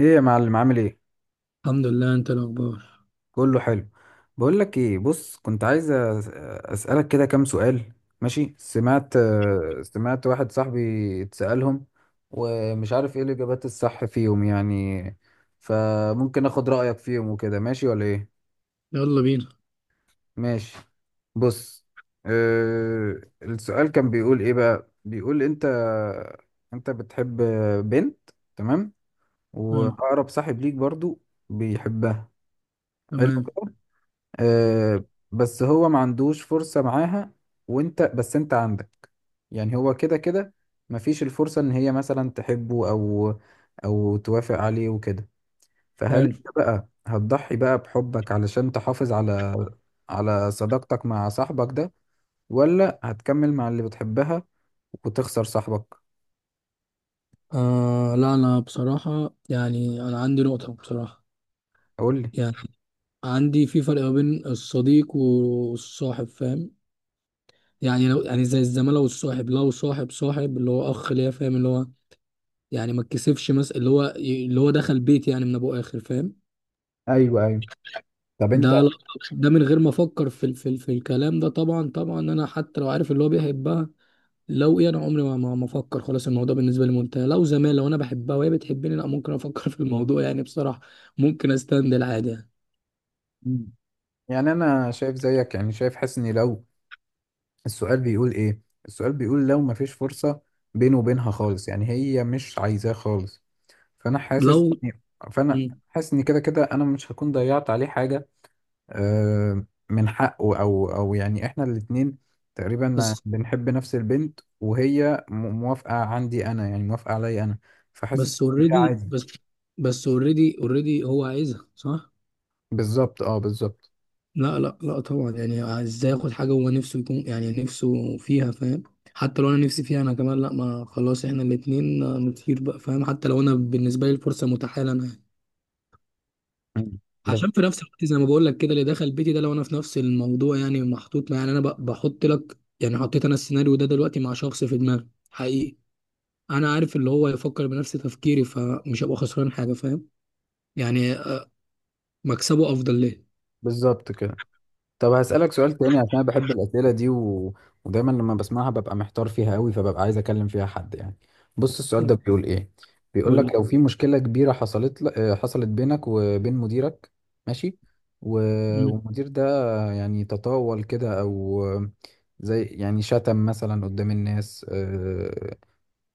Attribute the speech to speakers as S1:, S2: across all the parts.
S1: ايه يا معلم عامل ايه؟
S2: الحمد لله، انت الاخبار؟
S1: كله حلو. بقول لك ايه، بص، كنت عايز اسالك كده كام سؤال. ماشي؟ سمعت، سمعت واحد صاحبي اتسالهم ومش عارف ايه الاجابات الصح فيهم يعني، فممكن اخد رايك فيهم وكده، ماشي ولا ايه؟
S2: يلا بينا.
S1: ماشي، بص، السؤال كان بيقول ايه بقى، بيقول انت، انت بتحب بنت، تمام؟
S2: حلو.
S1: واقرب صاحب ليك برضو بيحبها، حلو،
S2: تمام.
S1: آه بس هو ما عندوش فرصة معاها، وانت بس انت عندك، يعني هو كده كده مفيش الفرصة ان هي مثلا تحبه او او توافق عليه وكده. فهل
S2: حلو.
S1: انت بقى هتضحي بقى بحبك علشان تحافظ على على صداقتك مع صاحبك ده، ولا هتكمل مع اللي بتحبها وتخسر صاحبك؟
S2: آه لا، انا بصراحة انا عندي نقطة بصراحة.
S1: قول لي.
S2: يعني عندي في فرق ما بين الصديق والصاحب، فاهم؟ يعني لو يعني زي الزمالة، والصاحب لو صاحب اللي هو اخ ليا، فاهم؟ اللي هو يعني ما اتكسفش مثلا، اللي هو اللي هو دخل بيتي يعني من ابو اخر، فاهم؟
S1: ايوه ايوه، طب انت.
S2: ده لا- ده من غير ما افكر في الكلام ده. طبعا طبعا انا حتى لو عارف اللي هو بيحبها، لو ايه، انا عمري ما افكر. خلاص الموضوع بالنسبه لي منتهي. لو زمان لو انا بحبها وهي بتحبني، لا ممكن افكر في الموضوع يعني بصراحه. ممكن استند العادي يعني.
S1: مم. يعني انا شايف زيك، يعني شايف، حاسس اني لو، السؤال بيقول ايه؟ السؤال بيقول لو مفيش فرصة بينه وبينها خالص، يعني هي مش عايزاه خالص، فانا حاسس،
S2: لو
S1: فانا
S2: مم.
S1: حاسس ان كده كده انا مش هكون ضيعت عليه حاجة. من حقه او او يعني احنا الاتنين تقريبا
S2: بس.
S1: بنحب نفس البنت، وهي موافقة، عندي انا يعني، موافقة عليا انا، فحاسس
S2: بس
S1: ان ده
S2: اوريدي
S1: عادي.
S2: بس اوريدي هو عايزها، صح؟
S1: بالظبط اه بالظبط.
S2: لا لا لا طبعا، يعني ازاي اخد حاجه هو نفسه يكون يعني نفسه فيها، فاهم؟ حتى لو انا نفسي فيها انا كمان، لا ما خلاص احنا الاتنين نطير بقى، فاهم؟ حتى لو انا بالنسبه لي الفرصه متاحه لنا.
S1: مم. بس.
S2: عشان في نفس الوقت زي ما بقول لك كده، اللي دخل بيتي ده لو انا في نفس الموضوع يعني محطوط يعني بحط لك، يعني حطيت انا السيناريو ده دلوقتي مع شخص في دماغي حقيقي. انا عارف اللي هو يفكر بنفس تفكيري، فمش هبقى خسران حاجه، فاهم؟ يعني مكسبه افضل ليه.
S1: بالظبط كده. طب هسألك سؤال تاني عشان أنا بحب الأسئلة دي ودايما لما بسمعها ببقى محتار فيها قوي، فببقى عايز أكلم فيها حد يعني. بص السؤال ده بيقول إيه، بيقول
S2: قول
S1: لك
S2: لي.
S1: لو في مشكلة كبيرة حصلت ل... آه، حصلت بينك وبين مديرك. ماشي. و...
S2: مم.
S1: والمدير ده يعني تطاول كده، أو زي يعني شتم مثلا قدام الناس،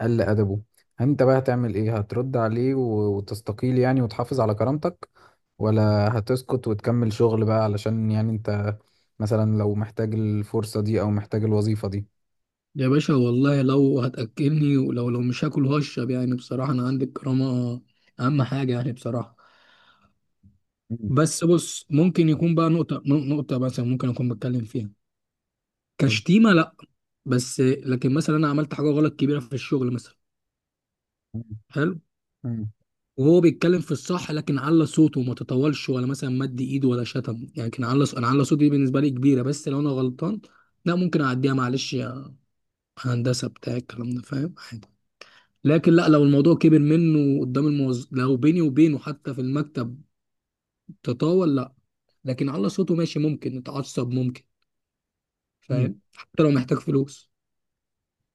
S1: قل أدبه. أنت بقى هتعمل إيه؟ هترد عليه وتستقيل يعني وتحافظ على كرامتك، ولا هتسكت وتكمل شغل بقى علشان يعني أنت مثلا لو محتاج الفرصة دي أو محتاج الوظيفة دي؟
S2: يا باشا، والله لو هتاكلني ولو مش هاكل هشرب. يعني بصراحه انا عندي الكرامه اهم حاجه، يعني بصراحه.
S1: مم.
S2: بس بص، ممكن يكون بقى نقطه مثلا ممكن اكون بتكلم فيها
S1: قول.
S2: كشتيمه، لا. بس لكن مثلا انا عملت حاجه غلط كبيره في الشغل مثلا.
S1: مم.
S2: حلو.
S1: مم.
S2: وهو بيتكلم في الصح لكن على صوته، وما تطولش ولا مثلا مد ايده ولا شتم. يعني كان على انا على صوتي، دي بالنسبه لي كبيره بس لو انا غلطان، لا ممكن اعديها. معلش يا هندسه بتاع الكلام ده، فاهم؟ عادي. لكن لا، لو الموضوع كبر منه قدام الموظف، لو بيني وبينه حتى في المكتب تطاول، لا. لكن على صوته ماشي، ممكن نتعصب ممكن.
S1: مم.
S2: فاهم؟ حتى لو محتاج فلوس.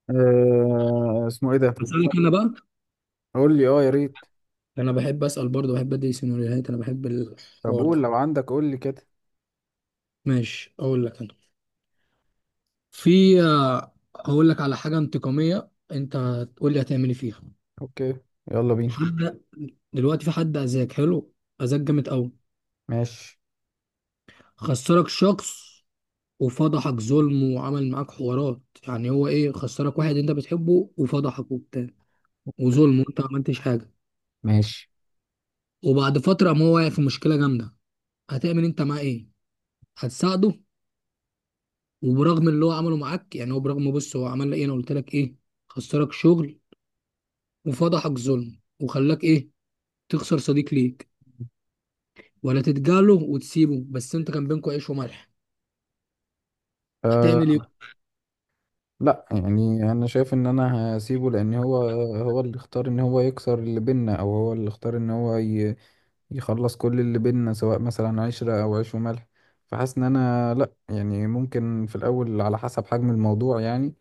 S1: أه، اسمه إيه ده؟
S2: بس انا كده بقى.
S1: قول لي، أه، يا ريت.
S2: انا بحب اسال برضه، بحب ادي سيناريوهات، انا بحب
S1: طب
S2: الحوار
S1: قول
S2: ده.
S1: لو عندك، قول لي كده.
S2: ماشي، اقول لك انا. في هقول لك على حاجه انتقاميه، انت تقول لي هتعملي فيها.
S1: أوكي، يلا بينا.
S2: حد دلوقتي في حد اذاك حلو، اذاك جامد قوي،
S1: ماشي.
S2: خسرك شخص وفضحك ظلم وعمل معاك حوارات. يعني هو ايه؟ خسرك واحد انت بتحبه وفضحك وبتاع وظلم وانت ما عملتش حاجه.
S1: ماشي،
S2: وبعد فتره، ما هو واقع في مشكله جامده، هتعمل انت معاه ايه؟ هتساعده وبرغم اللي هو عمله معاك؟ يعني هو برغم، بص هو عمل لك ايه، انا قلت لك ايه؟ خسرك شغل وفضحك ظلم وخلاك ايه؟ تخسر صديق ليك. ولا تتجاهله وتسيبه؟ بس انت كان بينكوا عيش وملح. هتعمل ايه؟
S1: لا يعني انا شايف ان انا هسيبه، لان هو، هو اللي اختار ان هو يكسر اللي بينا، او هو اللي اختار ان هو يخلص كل اللي بينا، سواء مثلا عشرة او عيش وملح. فحاسس ان انا، لا يعني ممكن في الاول على حسب حجم الموضوع يعني،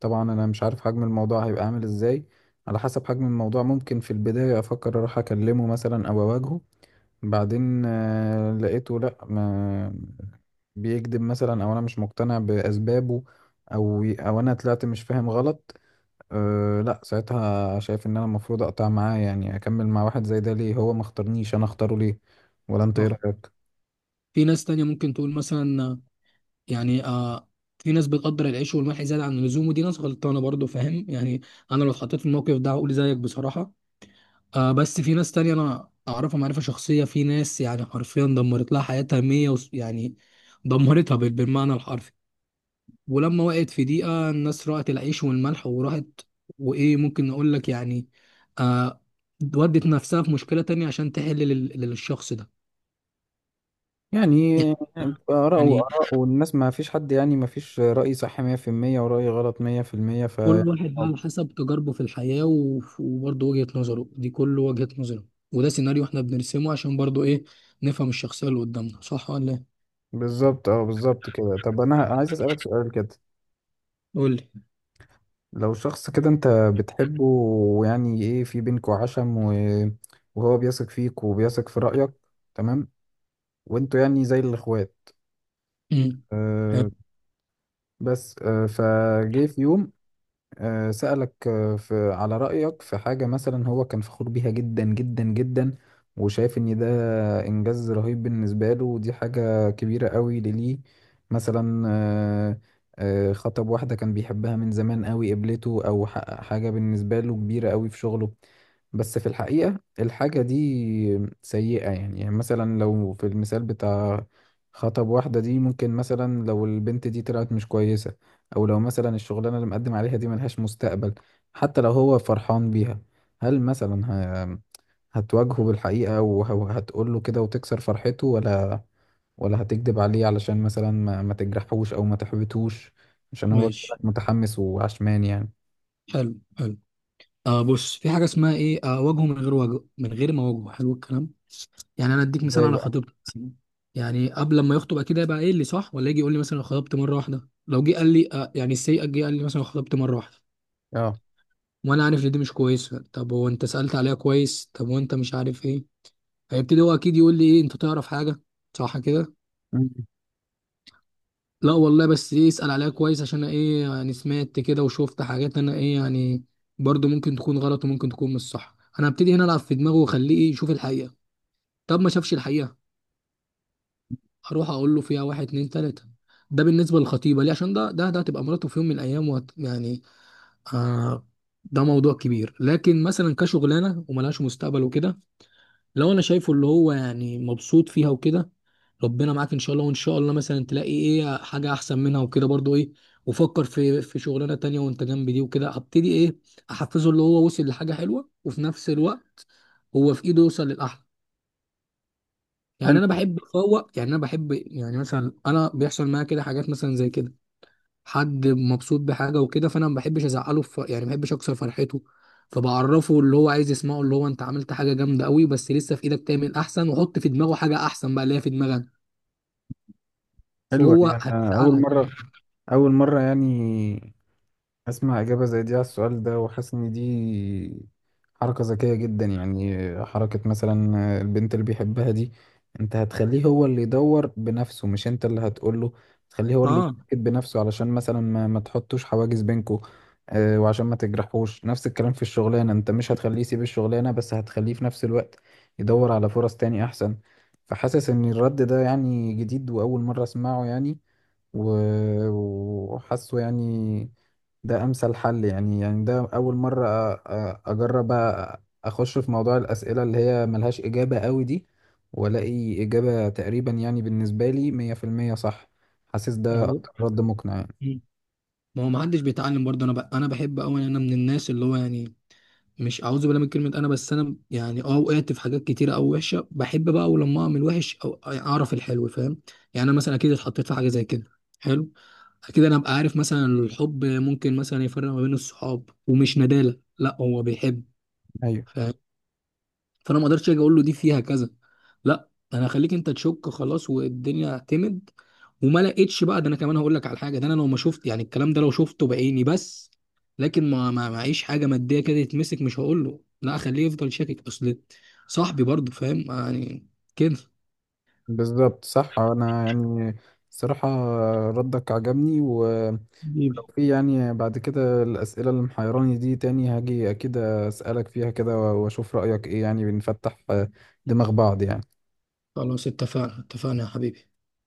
S1: طبعا انا مش عارف حجم الموضوع هيبقى عامل ازاي. على حسب حجم الموضوع، ممكن في البداية افكر اروح اكلمه مثلا او اواجهه، بعدين لقيته لا، ما بيكذب مثلا، او انا مش مقتنع باسبابه، او او انا طلعت مش فاهم غلط. أه لا، ساعتها شايف ان انا المفروض اقطع معاه، يعني اكمل مع واحد زي ده ليه؟ هو ما اختارنيش، انا اختاره ليه؟ ولا انت ايه
S2: صح.
S1: رايك؟
S2: في ناس تانية ممكن تقول مثلا يعني آه في ناس بتقدر العيش والملح زيادة عن اللزوم، ودي ناس غلطانة برضو، فاهم يعني؟ انا لو اتحطيت في الموقف ده هقول زيك بصراحة. آه بس في ناس تانية انا اعرفها معرفة شخصية، في ناس يعني حرفيا دمرت لها حياتها 100، يعني دمرتها بالمعنى الحرفي. ولما وقعت في دقيقة، الناس رأت العيش والملح وراحت. وإيه ممكن نقول لك يعني؟ آه. ودت نفسها في مشكلة تانية عشان تحل للشخص ده.
S1: يعني اراء
S2: يعني
S1: واراء، والناس ما فيش حد، يعني ما فيش راي صح 100% وراي غلط 100% ف،
S2: كل واحد بقى على حسب تجاربه في الحياة وبرضه وجهة نظره، دي كل وجهة نظره. وده سيناريو احنا بنرسمه عشان برضه ايه، نفهم الشخصية اللي قدامنا، صح ولا ايه؟
S1: بالظبط اه بالظبط كده. طب انا عايز اسالك سؤال كده.
S2: قول لي.
S1: لو شخص كده انت بتحبه، ويعني ايه، في بينكوا عشم وهو بيثق فيك وبيثق في رأيك، تمام؟ وانتوا يعني زي الاخوات،
S2: امم. حلو.
S1: أه، بس أه فجه في يوم، سألك، في على رأيك في حاجة مثلا هو كان فخور بيها جدا جدا جدا، وشايف إن ده إنجاز رهيب بالنسبة له، ودي حاجة كبيرة قوي ليه، مثلا خطب واحدة كان بيحبها من زمان قوي قبلته، أو حقق حاجة بالنسبة له كبيرة قوي في شغله، بس في الحقيقة الحاجة دي سيئة. يعني يعني مثلا لو في المثال بتاع خطب واحدة دي، ممكن مثلا لو البنت دي طلعت مش كويسة، او لو مثلا الشغلانه اللي مقدم عليها دي ملهاش مستقبل، حتى لو هو فرحان بيها، هل مثلا ه... هتواجهه بالحقيقه وهتقول له كده وتكسر فرحته، ولا، ولا هتكذب عليه علشان مثلا ما تجرحوش او ما تحبطوش، عشان هو كده
S2: ماشي.
S1: متحمس وعشمان يعني؟
S2: حلو حلو. آه بص، في حاجة اسمها ايه، آه وجهه، من غير وجه، من غير ما وجهه حلو الكلام. يعني انا اديك مثال
S1: ازاي
S2: على
S1: بقى؟
S2: خطيبتي مثلا. يعني قبل ما يخطب اكيد هيبقى قايل لي، صح ولا يجي يقول لي مثلا أنا خطبت مره واحده، لو جه قال لي يعني السيئه، جه قال لي مثلا أنا خطبت مره واحده
S1: اه.
S2: وانا عارف ان دي مش كويسه. طب هو انت سالت عليها كويس؟ طب وانت مش عارف ايه؟ هيبتدي هو اكيد يقول لي، ايه انت تعرف حاجه؟ صح كده؟
S1: مم.
S2: لا والله، بس ايه، اسال عليها كويس عشان أنا ايه يعني، سمعت كده وشفت حاجات انا ايه يعني، برضو ممكن تكون غلط وممكن تكون مش صح. انا هبتدي هنا العب في دماغه واخليه إيه، يشوف الحقيقه. طب ما شافش الحقيقه، اروح اقول له فيها واحد اتنين تلاته. ده بالنسبه للخطيبه ليه، عشان ده ده هتبقى مراته في يوم من الايام وهت يعني آه، ده موضوع كبير. لكن مثلا كشغلانه وملهاش مستقبل وكده، لو انا شايفه اللي هو يعني مبسوط فيها وكده، ربنا معاك ان شاء الله، وان شاء الله مثلا تلاقي ايه حاجه احسن منها وكده برضو ايه. وفكر في شغلانه تانية وانت جنب دي وكده. هبتدي ايه، احفزه اللي هو وصل لحاجه حلوه وفي نفس الوقت هو في ايده يوصل للاحلى. يعني
S1: حلو.
S2: انا بحب افوق، يعني انا بحب يعني مثلا، انا بيحصل معايا كده حاجات مثلا زي كده، حد مبسوط بحاجه وكده، فانا ما بحبش ازعله في يعني، ما بحبش اكسر فرحته. فبعرفه اللي هو عايز يسمعه، اللي هو انت عملت حاجه جامده قوي بس لسه في ايدك تعمل احسن، وحط في دماغه حاجه احسن بقى اللي هي في دماغك،
S1: حلوة دي،
S2: فهو
S1: أنا
S2: هيزعلها
S1: أول
S2: كده.
S1: مرة، أول مرة يعني اسمع اجابه زي دي على السؤال ده، وحاسس ان دي حركه ذكيه جدا، يعني حركه مثلا البنت اللي بيحبها دي، انت هتخليه هو اللي يدور بنفسه، مش انت اللي هتقوله، تخليه هو اللي
S2: اه.
S1: يتأكد بنفسه، علشان مثلا ما تحطوش حواجز بينكو، وعشان ما تجرحوش. نفس الكلام في الشغلانه، انت مش هتخليه يسيب الشغلانه، بس هتخليه في نفس الوقت يدور على فرص تاني احسن. فحاسس ان الرد ده يعني جديد، واول مره اسمعه يعني، و- وحاسه يعني ده امثل حل يعني. يعني ده اول مره اجرب اخش في موضوع الاسئله اللي هي ملهاش اجابه قوي دي، والاقي اجابه تقريبا يعني بالنسبه لي 100% صح. حاسس
S2: ما
S1: ده
S2: هو
S1: اكتر رد مقنع يعني.
S2: مم. ما هو ما حدش بيتعلم برضه. انا بحب قوي، انا من الناس اللي هو يعني، مش اعوذ بالله من كلمه انا، بس انا يعني اه وقعت في حاجات كتيره او وحشه، بحب بقى اول لما اعمل وحش او يعني اعرف الحلو، فاهم؟ يعني انا مثلا اكيد اتحطيت في حاجه زي كده. حلو. اكيد انا ابقى عارف مثلا الحب ممكن مثلا يفرق ما بين الصحاب، ومش ندالة، لا هو بيحب،
S1: ايوه
S2: فاهم؟ فانا ما اقدرش اجي اقول له دي فيها كذا، لا انا هخليك انت تشك خلاص. والدنيا اعتمد وما لقيتش بقى، ده انا كمان هقول لك على حاجه، ده انا لو ما شفت يعني الكلام ده، لو شفته بعيني بس، لكن ما ما معيش حاجه ماديه كده يتمسك، مش هقول له. لا اخليه يفضل شاكك، اصل صاحبي برضه، فاهم يعني كده.
S1: بالظبط صح. انا يعني الصراحه ردك عجبني، ولو
S2: حبيبي.
S1: في يعني بعد كده الاسئله اللي محيراني دي تاني هاجي اكيد اسالك فيها كده واشوف رايك ايه، يعني بنفتح دماغ بعض يعني.
S2: خلاص اتفقنا، اتفقنا يا حبيبي.